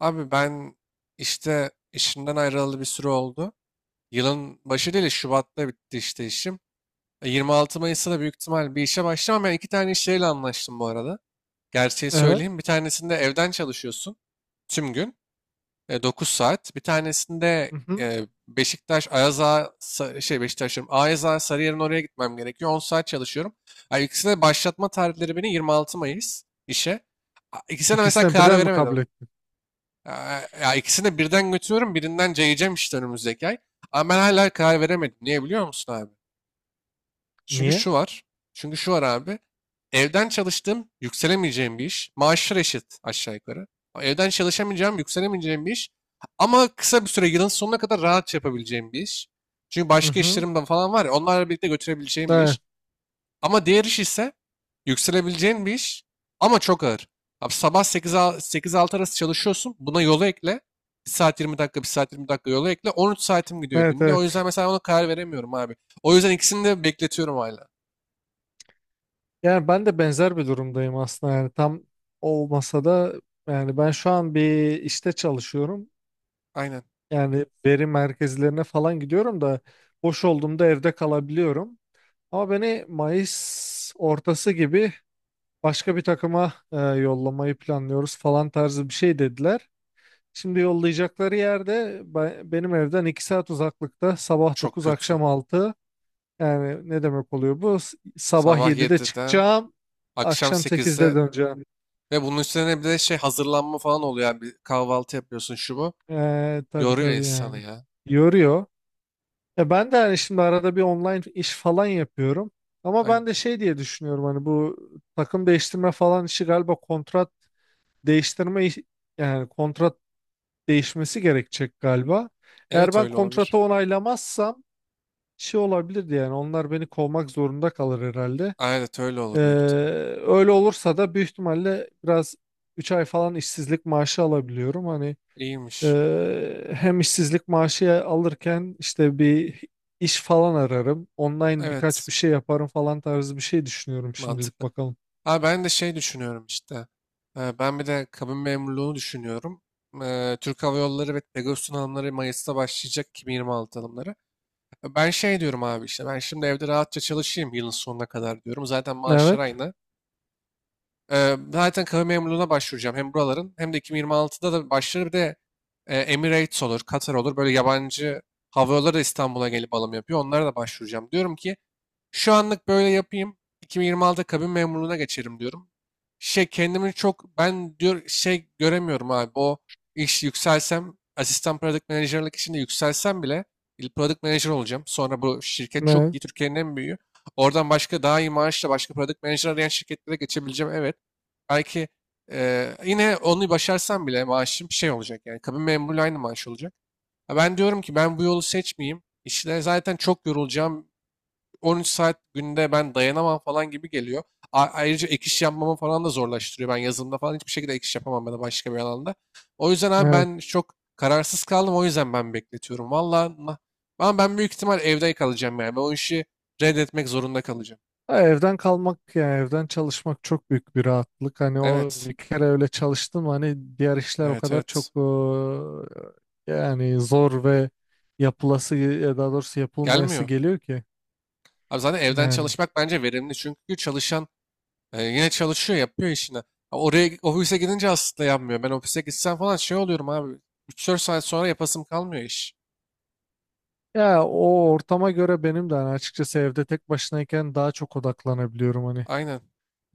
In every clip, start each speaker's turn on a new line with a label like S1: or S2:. S1: Abi ben işte işimden ayrılalı bir süre oldu. Yılın başı değil, Şubat'ta bitti işte işim. 26 Mayıs'ta da büyük ihtimal bir işe başlamam. Ben iki tane iş yeriyle anlaştım bu arada. Gerçeği
S2: Evet.
S1: söyleyeyim. Bir tanesinde evden çalışıyorsun tüm gün. 9 saat. Bir tanesinde
S2: Mhm.
S1: e, Beşiktaş, Ayaz Ağa, şey Beşiktaş diyorum, Ayaz Ağa, Sarıyer'in oraya gitmem gerekiyor. 10 saat çalışıyorum. Yani ikisine başlatma tarihleri beni 26 Mayıs işe. İkisine de mesela
S2: İkisine
S1: karar
S2: birden mi kabul
S1: veremedim.
S2: ettin?
S1: Ya, ya ikisini de birden götürüyorum. Birinden cayacağım işte önümüzdeki ay. Ama ben hala karar veremedim. Niye biliyor musun abi? Çünkü
S2: Niye?
S1: şu var. Çünkü şu var abi. Evden çalıştığım yükselemeyeceğim bir iş. Maaşlar eşit aşağı yukarı. Evden çalışamayacağım, yükselemeyeceğim bir iş. Ama kısa bir süre yılın sonuna kadar rahat yapabileceğim bir iş. Çünkü başka
S2: Mhm.
S1: işlerim de falan var ya onlarla birlikte götürebileceğim bir
S2: Evet.
S1: iş. Ama diğer iş ise yükselebileceğin bir iş ama çok ağır. Abi sabah 8-6 arası çalışıyorsun. Buna yolu ekle. Bir saat 20 dakika, bir saat 20 dakika yolu ekle. 13 saatim gidiyor
S2: Evet,
S1: günde. O yüzden
S2: evet.
S1: mesela ona karar veremiyorum abi. O yüzden ikisini de bekletiyorum hala.
S2: Yani ben de benzer bir durumdayım aslında, yani tam olmasa da, yani ben şu an bir işte çalışıyorum.
S1: Aynen.
S2: Yani veri merkezlerine falan gidiyorum da, boş olduğumda evde kalabiliyorum. Ama beni Mayıs ortası gibi başka bir takıma yollamayı planlıyoruz falan tarzı bir şey dediler. Şimdi yollayacakları yerde benim evden 2 saat uzaklıkta, sabah
S1: Çok
S2: 9
S1: kötü.
S2: akşam 6. Yani ne demek oluyor bu? Sabah
S1: Sabah
S2: 7'de
S1: yediden,
S2: çıkacağım.
S1: akşam
S2: Akşam 8'de
S1: sekizde
S2: döneceğim.
S1: ve bunun üstüne bir de şey hazırlanma falan oluyor. Yani kahvaltı yapıyorsun şu bu.
S2: Tabii
S1: Yoruyor
S2: tabii
S1: insanı
S2: yani.
S1: ya.
S2: Yoruyor. Ya ben de hani şimdi arada bir online iş falan yapıyorum. Ama
S1: Aynen.
S2: ben de şey diye düşünüyorum hani, bu takım değiştirme falan işi galiba kontrat değiştirme yani kontrat değişmesi gerekecek galiba. Eğer
S1: Evet
S2: ben
S1: öyle olabilir.
S2: kontratı onaylamazsam şey olabilirdi, yani onlar beni kovmak zorunda kalır herhalde.
S1: Evet öyle olur büyük
S2: Ee,
S1: ihtimal.
S2: Öyle olursa da büyük ihtimalle biraz 3 ay falan işsizlik maaşı alabiliyorum. Hani
S1: İyiymiş.
S2: hem işsizlik maaşı alırken işte bir iş falan ararım. Online birkaç
S1: Evet.
S2: bir şey yaparım falan tarzı bir şey düşünüyorum şimdilik,
S1: Mantıklı.
S2: bakalım.
S1: Ha ben de şey düşünüyorum işte. Ben bir de kabin memurluğunu düşünüyorum. Türk Hava Yolları ve Pegasus'un alımları Mayıs'ta başlayacak 2026 alımları. Ben şey diyorum abi işte ben şimdi evde rahatça çalışayım yılın sonuna kadar diyorum. Zaten maaşlar
S2: Evet.
S1: aynı. Zaten kabin memurluğuna başvuracağım hem buraların hem de 2026'da da başlar bir de Emirates olur, Katar olur. Böyle yabancı hava yolları da İstanbul'a gelip alım yapıyor. Onlara da başvuracağım. Diyorum ki şu anlık böyle yapayım. 2026'da kabin memurluğuna geçerim diyorum. Şey kendimi çok ben diyor şey göremiyorum abi. O iş yükselsem asistan product manager'lık içinde yükselsem bile product manager olacağım. Sonra bu şirket çok
S2: Ne?
S1: iyi. Türkiye'nin en büyüğü. Oradan başka daha iyi maaşla başka product manager arayan şirketlere geçebileceğim. Evet. Belki yine onu başarsam bile maaşım şey olacak. Yani kabin memurluğu aynı maaş olacak. Ha, ben diyorum ki ben bu yolu seçmeyeyim. İşte zaten çok yorulacağım. 13 saat günde ben dayanamam falan gibi geliyor. Ayrıca ek iş yapmamı falan da zorlaştırıyor. Ben yazılımda falan hiçbir şekilde ek iş yapamam ben da başka bir alanda. O yüzden abi
S2: Evet.
S1: ben çok kararsız kaldım. O yüzden ben bekletiyorum. Valla ama ben büyük ihtimal evde kalacağım yani. Ben o işi reddetmek zorunda kalacağım.
S2: Ha, evden kalmak yani evden çalışmak çok büyük bir rahatlık. Hani o
S1: Evet.
S2: bir kere öyle çalıştım, hani diğer işler o
S1: Evet,
S2: kadar çok
S1: evet.
S2: yani zor ve yapılası ya, daha doğrusu yapılmayası
S1: Gelmiyor.
S2: geliyor ki,
S1: Abi zaten evden
S2: yani.
S1: çalışmak bence verimli. Çünkü çalışan yine çalışıyor, yapıyor işini. Ha, oraya ofise gidince aslında yapmıyor. Ben ofise gitsem falan şey oluyorum abi. 3-4 saat sonra yapasım kalmıyor iş.
S2: Ya o ortama göre benim de hani açıkçası evde tek başınayken daha çok odaklanabiliyorum hani.
S1: Aynen.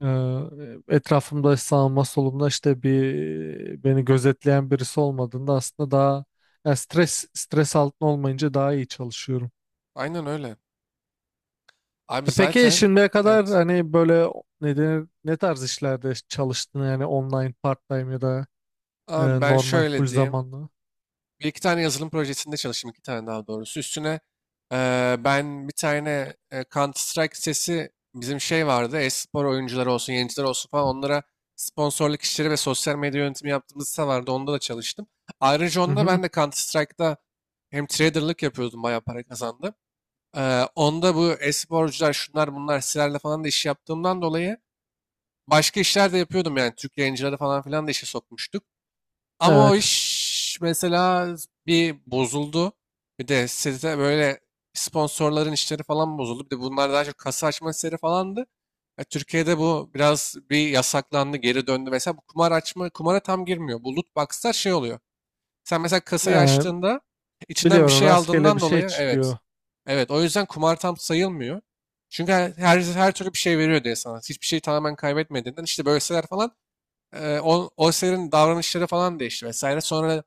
S2: Etrafımda sağımda solumda işte bir beni gözetleyen birisi olmadığında aslında daha, yani stres stres altında olmayınca daha iyi çalışıyorum.
S1: Aynen öyle. Abi
S2: Peki
S1: zaten
S2: şimdiye kadar
S1: evet.
S2: hani böyle ne denir, ne tarz işlerde çalıştın yani, online part-time ya da
S1: Abi ben
S2: normal full
S1: şöyle diyeyim.
S2: zamanlı?
S1: Bir iki tane yazılım projesinde çalıştım. İki tane daha doğrusu. Üstüne ben bir tane Counter Strike sitesi bizim şey vardı. E-spor oyuncuları olsun, yayıncılar olsun falan onlara sponsorluk işleri ve sosyal medya yönetimi yaptığımız site vardı. Onda da çalıştım. Ayrıca
S2: Hı
S1: onda
S2: hı,
S1: ben de Counter Strike'da hem traderlık yapıyordum. Bayağı para kazandım. Onda bu e-sporcular şunlar bunlar sitelerle falan da iş yaptığımdan dolayı başka işler de yapıyordum yani. Türk yayıncıları falan filan da işe sokmuştuk. Ama o
S2: evet.
S1: iş mesela bir bozuldu. Bir de site böyle sponsorların işleri falan bozuldu. Bir de bunlar daha çok kasa açma işleri falandı. Ya Türkiye'de bu biraz bir yasaklandı, geri döndü. Mesela bu kumar açma, kumara tam girmiyor. Bu loot box'lar şey oluyor. Sen mesela kasayı
S2: E,
S1: açtığında içinden bir
S2: Biliyorum,
S1: şey
S2: rastgele
S1: aldığından
S2: bir şey
S1: dolayı evet.
S2: çıkıyor.
S1: Evet o yüzden kumar tam sayılmıyor. Çünkü her türlü bir şey veriyor diye sana. Hiçbir şeyi tamamen kaybetmediğinden işte böyle siteler falan o sitelerin davranışları falan değişti vesaire. Sonra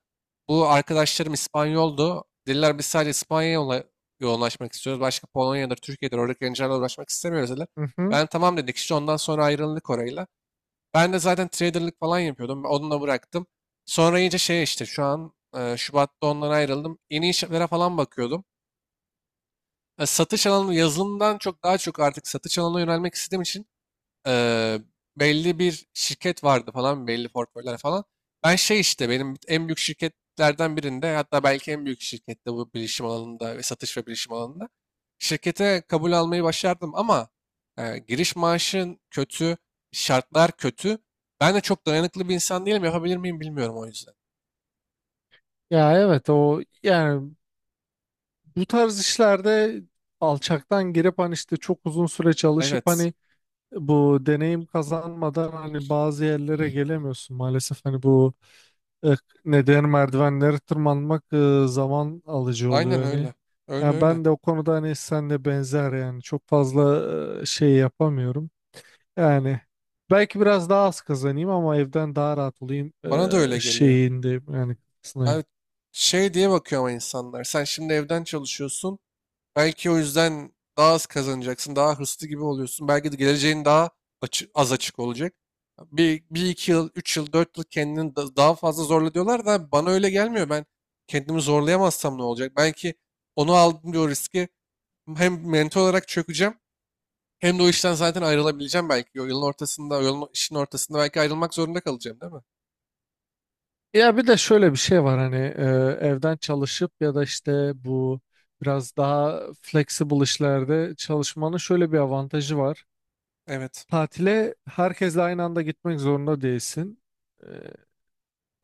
S1: bu arkadaşlarım İspanyoldu. Dediler biz sadece İspanya'ya yoğunlaşmak istiyoruz. Başka Polonya'dır, Türkiye'dir oradaki gençlerle uğraşmak istemiyoruz dediler.
S2: Hı hı.
S1: Ben tamam dedik işte ondan sonra ayrıldık orayla. Ben de zaten traderlık falan yapıyordum. Onu da bıraktım. Sonra iyice şey işte şu an Şubat'ta ondan ayrıldım. Yeni işlere falan bakıyordum. Satış alanı yazılımdan çok daha çok artık satış alanına yönelmek istediğim için Eee, belli bir şirket vardı falan belli portföyler falan. Ben şey işte benim en büyük şirketlerden birinde hatta belki en büyük şirkette bu bilişim alanında ve satış ve bilişim alanında şirkete kabul almayı başardım ama giriş maaşın kötü, şartlar kötü. Ben de çok dayanıklı bir insan değilim. Yapabilir miyim bilmiyorum o yüzden.
S2: Ya evet o yani bu tarz işlerde alçaktan girip hani işte çok uzun süre çalışıp
S1: Evet.
S2: hani bu deneyim kazanmadan hani bazı yerlere gelemiyorsun maalesef, hani bu e, ne merdivenleri tırmanmak zaman alıcı
S1: Aynen
S2: oluyor hani.
S1: öyle. Öyle
S2: Yani
S1: öyle.
S2: ben de o konuda hani senle benzer, yani çok fazla şey yapamıyorum. Yani belki biraz daha az kazanayım ama evden daha rahat olayım
S1: Bana da öyle geliyor.
S2: şeyinde, yani
S1: Abi
S2: kısmındayım.
S1: şey diye bakıyor ama insanlar. Sen şimdi evden çalışıyorsun. Belki o yüzden daha az kazanacaksın, daha hırslı gibi oluyorsun. Belki de geleceğin daha az açık olacak. Bir iki yıl, üç yıl, dört yıl kendini daha fazla zorla diyorlar da bana öyle gelmiyor. Ben kendimi zorlayamazsam ne olacak? Belki onu aldım diyor riski. Hem mental olarak çökeceğim hem de o işten zaten ayrılabileceğim belki. O yılın ortasında, o yolun, işin ortasında belki ayrılmak zorunda kalacağım değil mi?
S2: Ya bir de şöyle bir şey var hani evden çalışıp ya da işte bu biraz daha flexible işlerde çalışmanın şöyle bir avantajı var.
S1: Evet,
S2: Tatile herkesle aynı anda gitmek zorunda değilsin. E,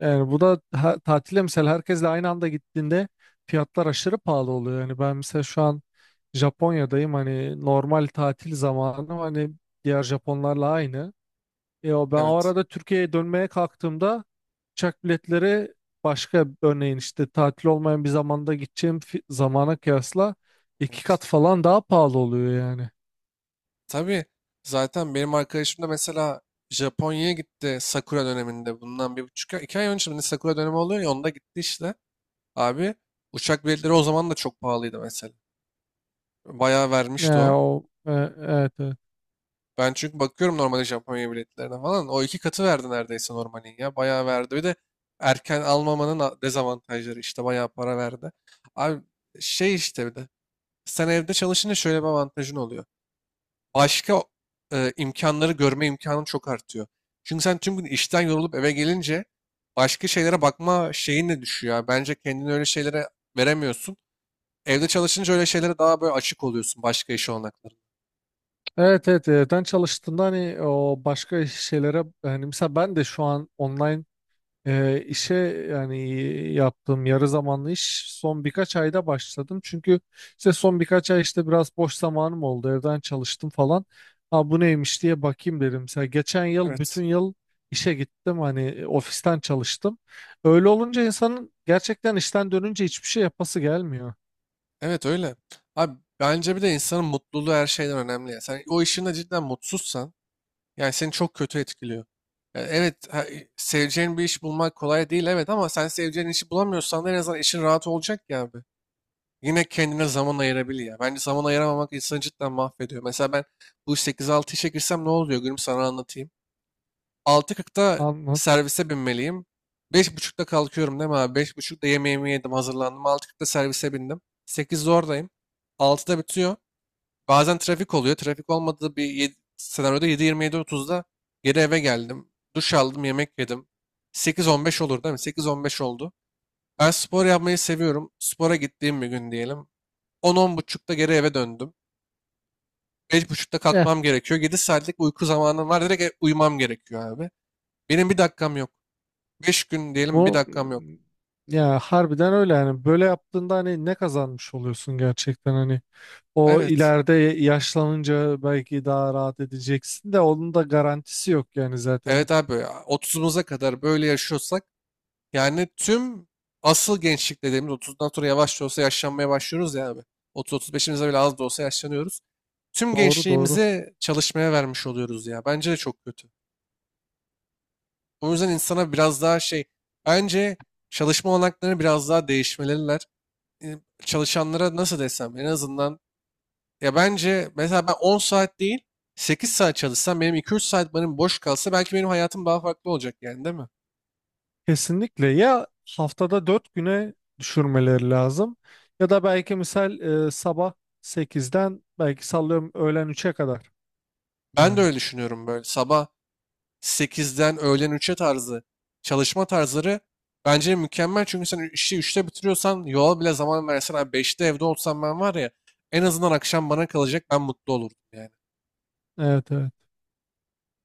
S2: Yani bu da ha, tatile mesela herkesle aynı anda gittiğinde fiyatlar aşırı pahalı oluyor. Yani ben mesela şu an Japonya'dayım, hani normal tatil zamanı, hani diğer Japonlarla aynı. Ya ben o
S1: evet,
S2: arada Türkiye'ye dönmeye kalktığımda uçak biletleri başka, örneğin işte tatil olmayan bir zamanda gideceğim zamana kıyasla iki
S1: evet.
S2: kat falan daha pahalı oluyor yani.
S1: Tabii zaten benim arkadaşım da mesela Japonya'ya gitti Sakura döneminde. Bundan 1,5 ay, 2 ay önce şimdi Sakura dönemi oluyor ya onda gitti işte. Abi uçak biletleri o zaman da çok pahalıydı mesela. Bayağı vermişti
S2: Ya
S1: o.
S2: o, evet evet.
S1: Ben çünkü bakıyorum normalde Japonya biletlerine falan. O iki katı verdi neredeyse normalin ya. Bayağı verdi. Bir de erken almamanın dezavantajları işte bayağı para verdi. Abi şey işte bir de sen evde çalışınca şöyle bir avantajın oluyor. Başka imkanları görme imkanın çok artıyor. Çünkü sen tüm gün işten yorulup eve gelince başka şeylere bakma şeyin de düşüyor ya. Bence kendini öyle şeylere veremiyorsun. Evde çalışınca öyle şeylere daha böyle açık oluyorsun başka iş olanaklarına.
S2: Evet evet, evden çalıştığında hani o başka şeylere, hani mesela ben de şu an online işe, yani yaptığım yarı zamanlı iş son birkaç ayda başladım. Çünkü işte son birkaç ay işte biraz boş zamanım oldu. Evden çalıştım falan. Ha, bu neymiş diye bakayım dedim. Mesela geçen yıl
S1: Evet.
S2: bütün yıl işe gittim. Hani ofisten çalıştım. Öyle olunca insanın gerçekten işten dönünce hiçbir şey yapası gelmiyor.
S1: Evet öyle. Abi bence bir de insanın mutluluğu her şeyden önemli ya. Sen o işinde cidden mutsuzsan yani seni çok kötü etkiliyor. Ya evet, ha, seveceğin bir iş bulmak kolay değil evet ama sen seveceğin işi bulamıyorsan da en azından işin rahat olacak ya abi. Yine kendine zaman ayırabilir ya. Bence zaman ayıramamak insanı cidden mahvediyor. Mesela ben bu 8-6 işe girsem ne oluyor gülüm sana anlatayım. 6.40'da
S2: Anlat.
S1: servise binmeliyim. 5.30'da kalkıyorum değil mi abi? 5.30'da yemeğimi yedim hazırlandım. 6.40'da servise bindim. 8'de oradayım. 6'da bitiyor. Bazen trafik oluyor. Trafik olmadığı bir senaryoda 7.27-30'da geri eve geldim. Duş aldım, yemek yedim. 8.15 olur değil mi? 8.15 oldu. Ben spor yapmayı seviyorum. Spora gittiğim bir gün diyelim. 10 buçukta geri eve döndüm. Beş buçukta
S2: Eh,
S1: kalkmam gerekiyor. 7 saatlik uyku zamanım var. Direkt uyumam gerekiyor abi. Benim bir dakikam yok. 5 gün diyelim bir
S2: bu
S1: dakikam yok.
S2: ya harbiden öyle yani. Böyle yaptığında hani ne kazanmış oluyorsun gerçekten, hani o
S1: Evet.
S2: ileride yaşlanınca belki daha rahat edeceksin de, onun da garantisi yok yani zaten.
S1: Evet abi ya. 30'umuza kadar böyle yaşıyorsak yani tüm asıl gençlik dediğimiz 30'dan sonra yavaş da olsa yaşlanmaya başlıyoruz ya abi. 30-35'imize bile az da olsa yaşlanıyoruz. Tüm
S2: Doğru doğru.
S1: gençliğimizi çalışmaya vermiş oluyoruz ya. Bence de çok kötü. O yüzden insana biraz daha şey bence çalışma olanakları biraz daha değişmeliler. e, Çalışanlara nasıl desem en azından ya bence mesela ben 10 saat değil 8 saat çalışsam benim 2-3 saat benim boş kalsa belki benim hayatım daha farklı olacak yani değil mi?
S2: Kesinlikle ya, haftada 4 güne düşürmeleri lazım, ya da belki misal sabah 8'den belki sallıyorum öğlen 3'e kadar.
S1: Ben de
S2: Yani
S1: öyle düşünüyorum böyle sabah 8'den öğlen 3'e tarzı çalışma tarzları bence mükemmel. Çünkü sen işi üçte bitiriyorsan yola bile zaman versen abi 5'te evde olsam ben var ya en azından akşam bana kalacak ben mutlu olurdum yani.
S2: evet evet.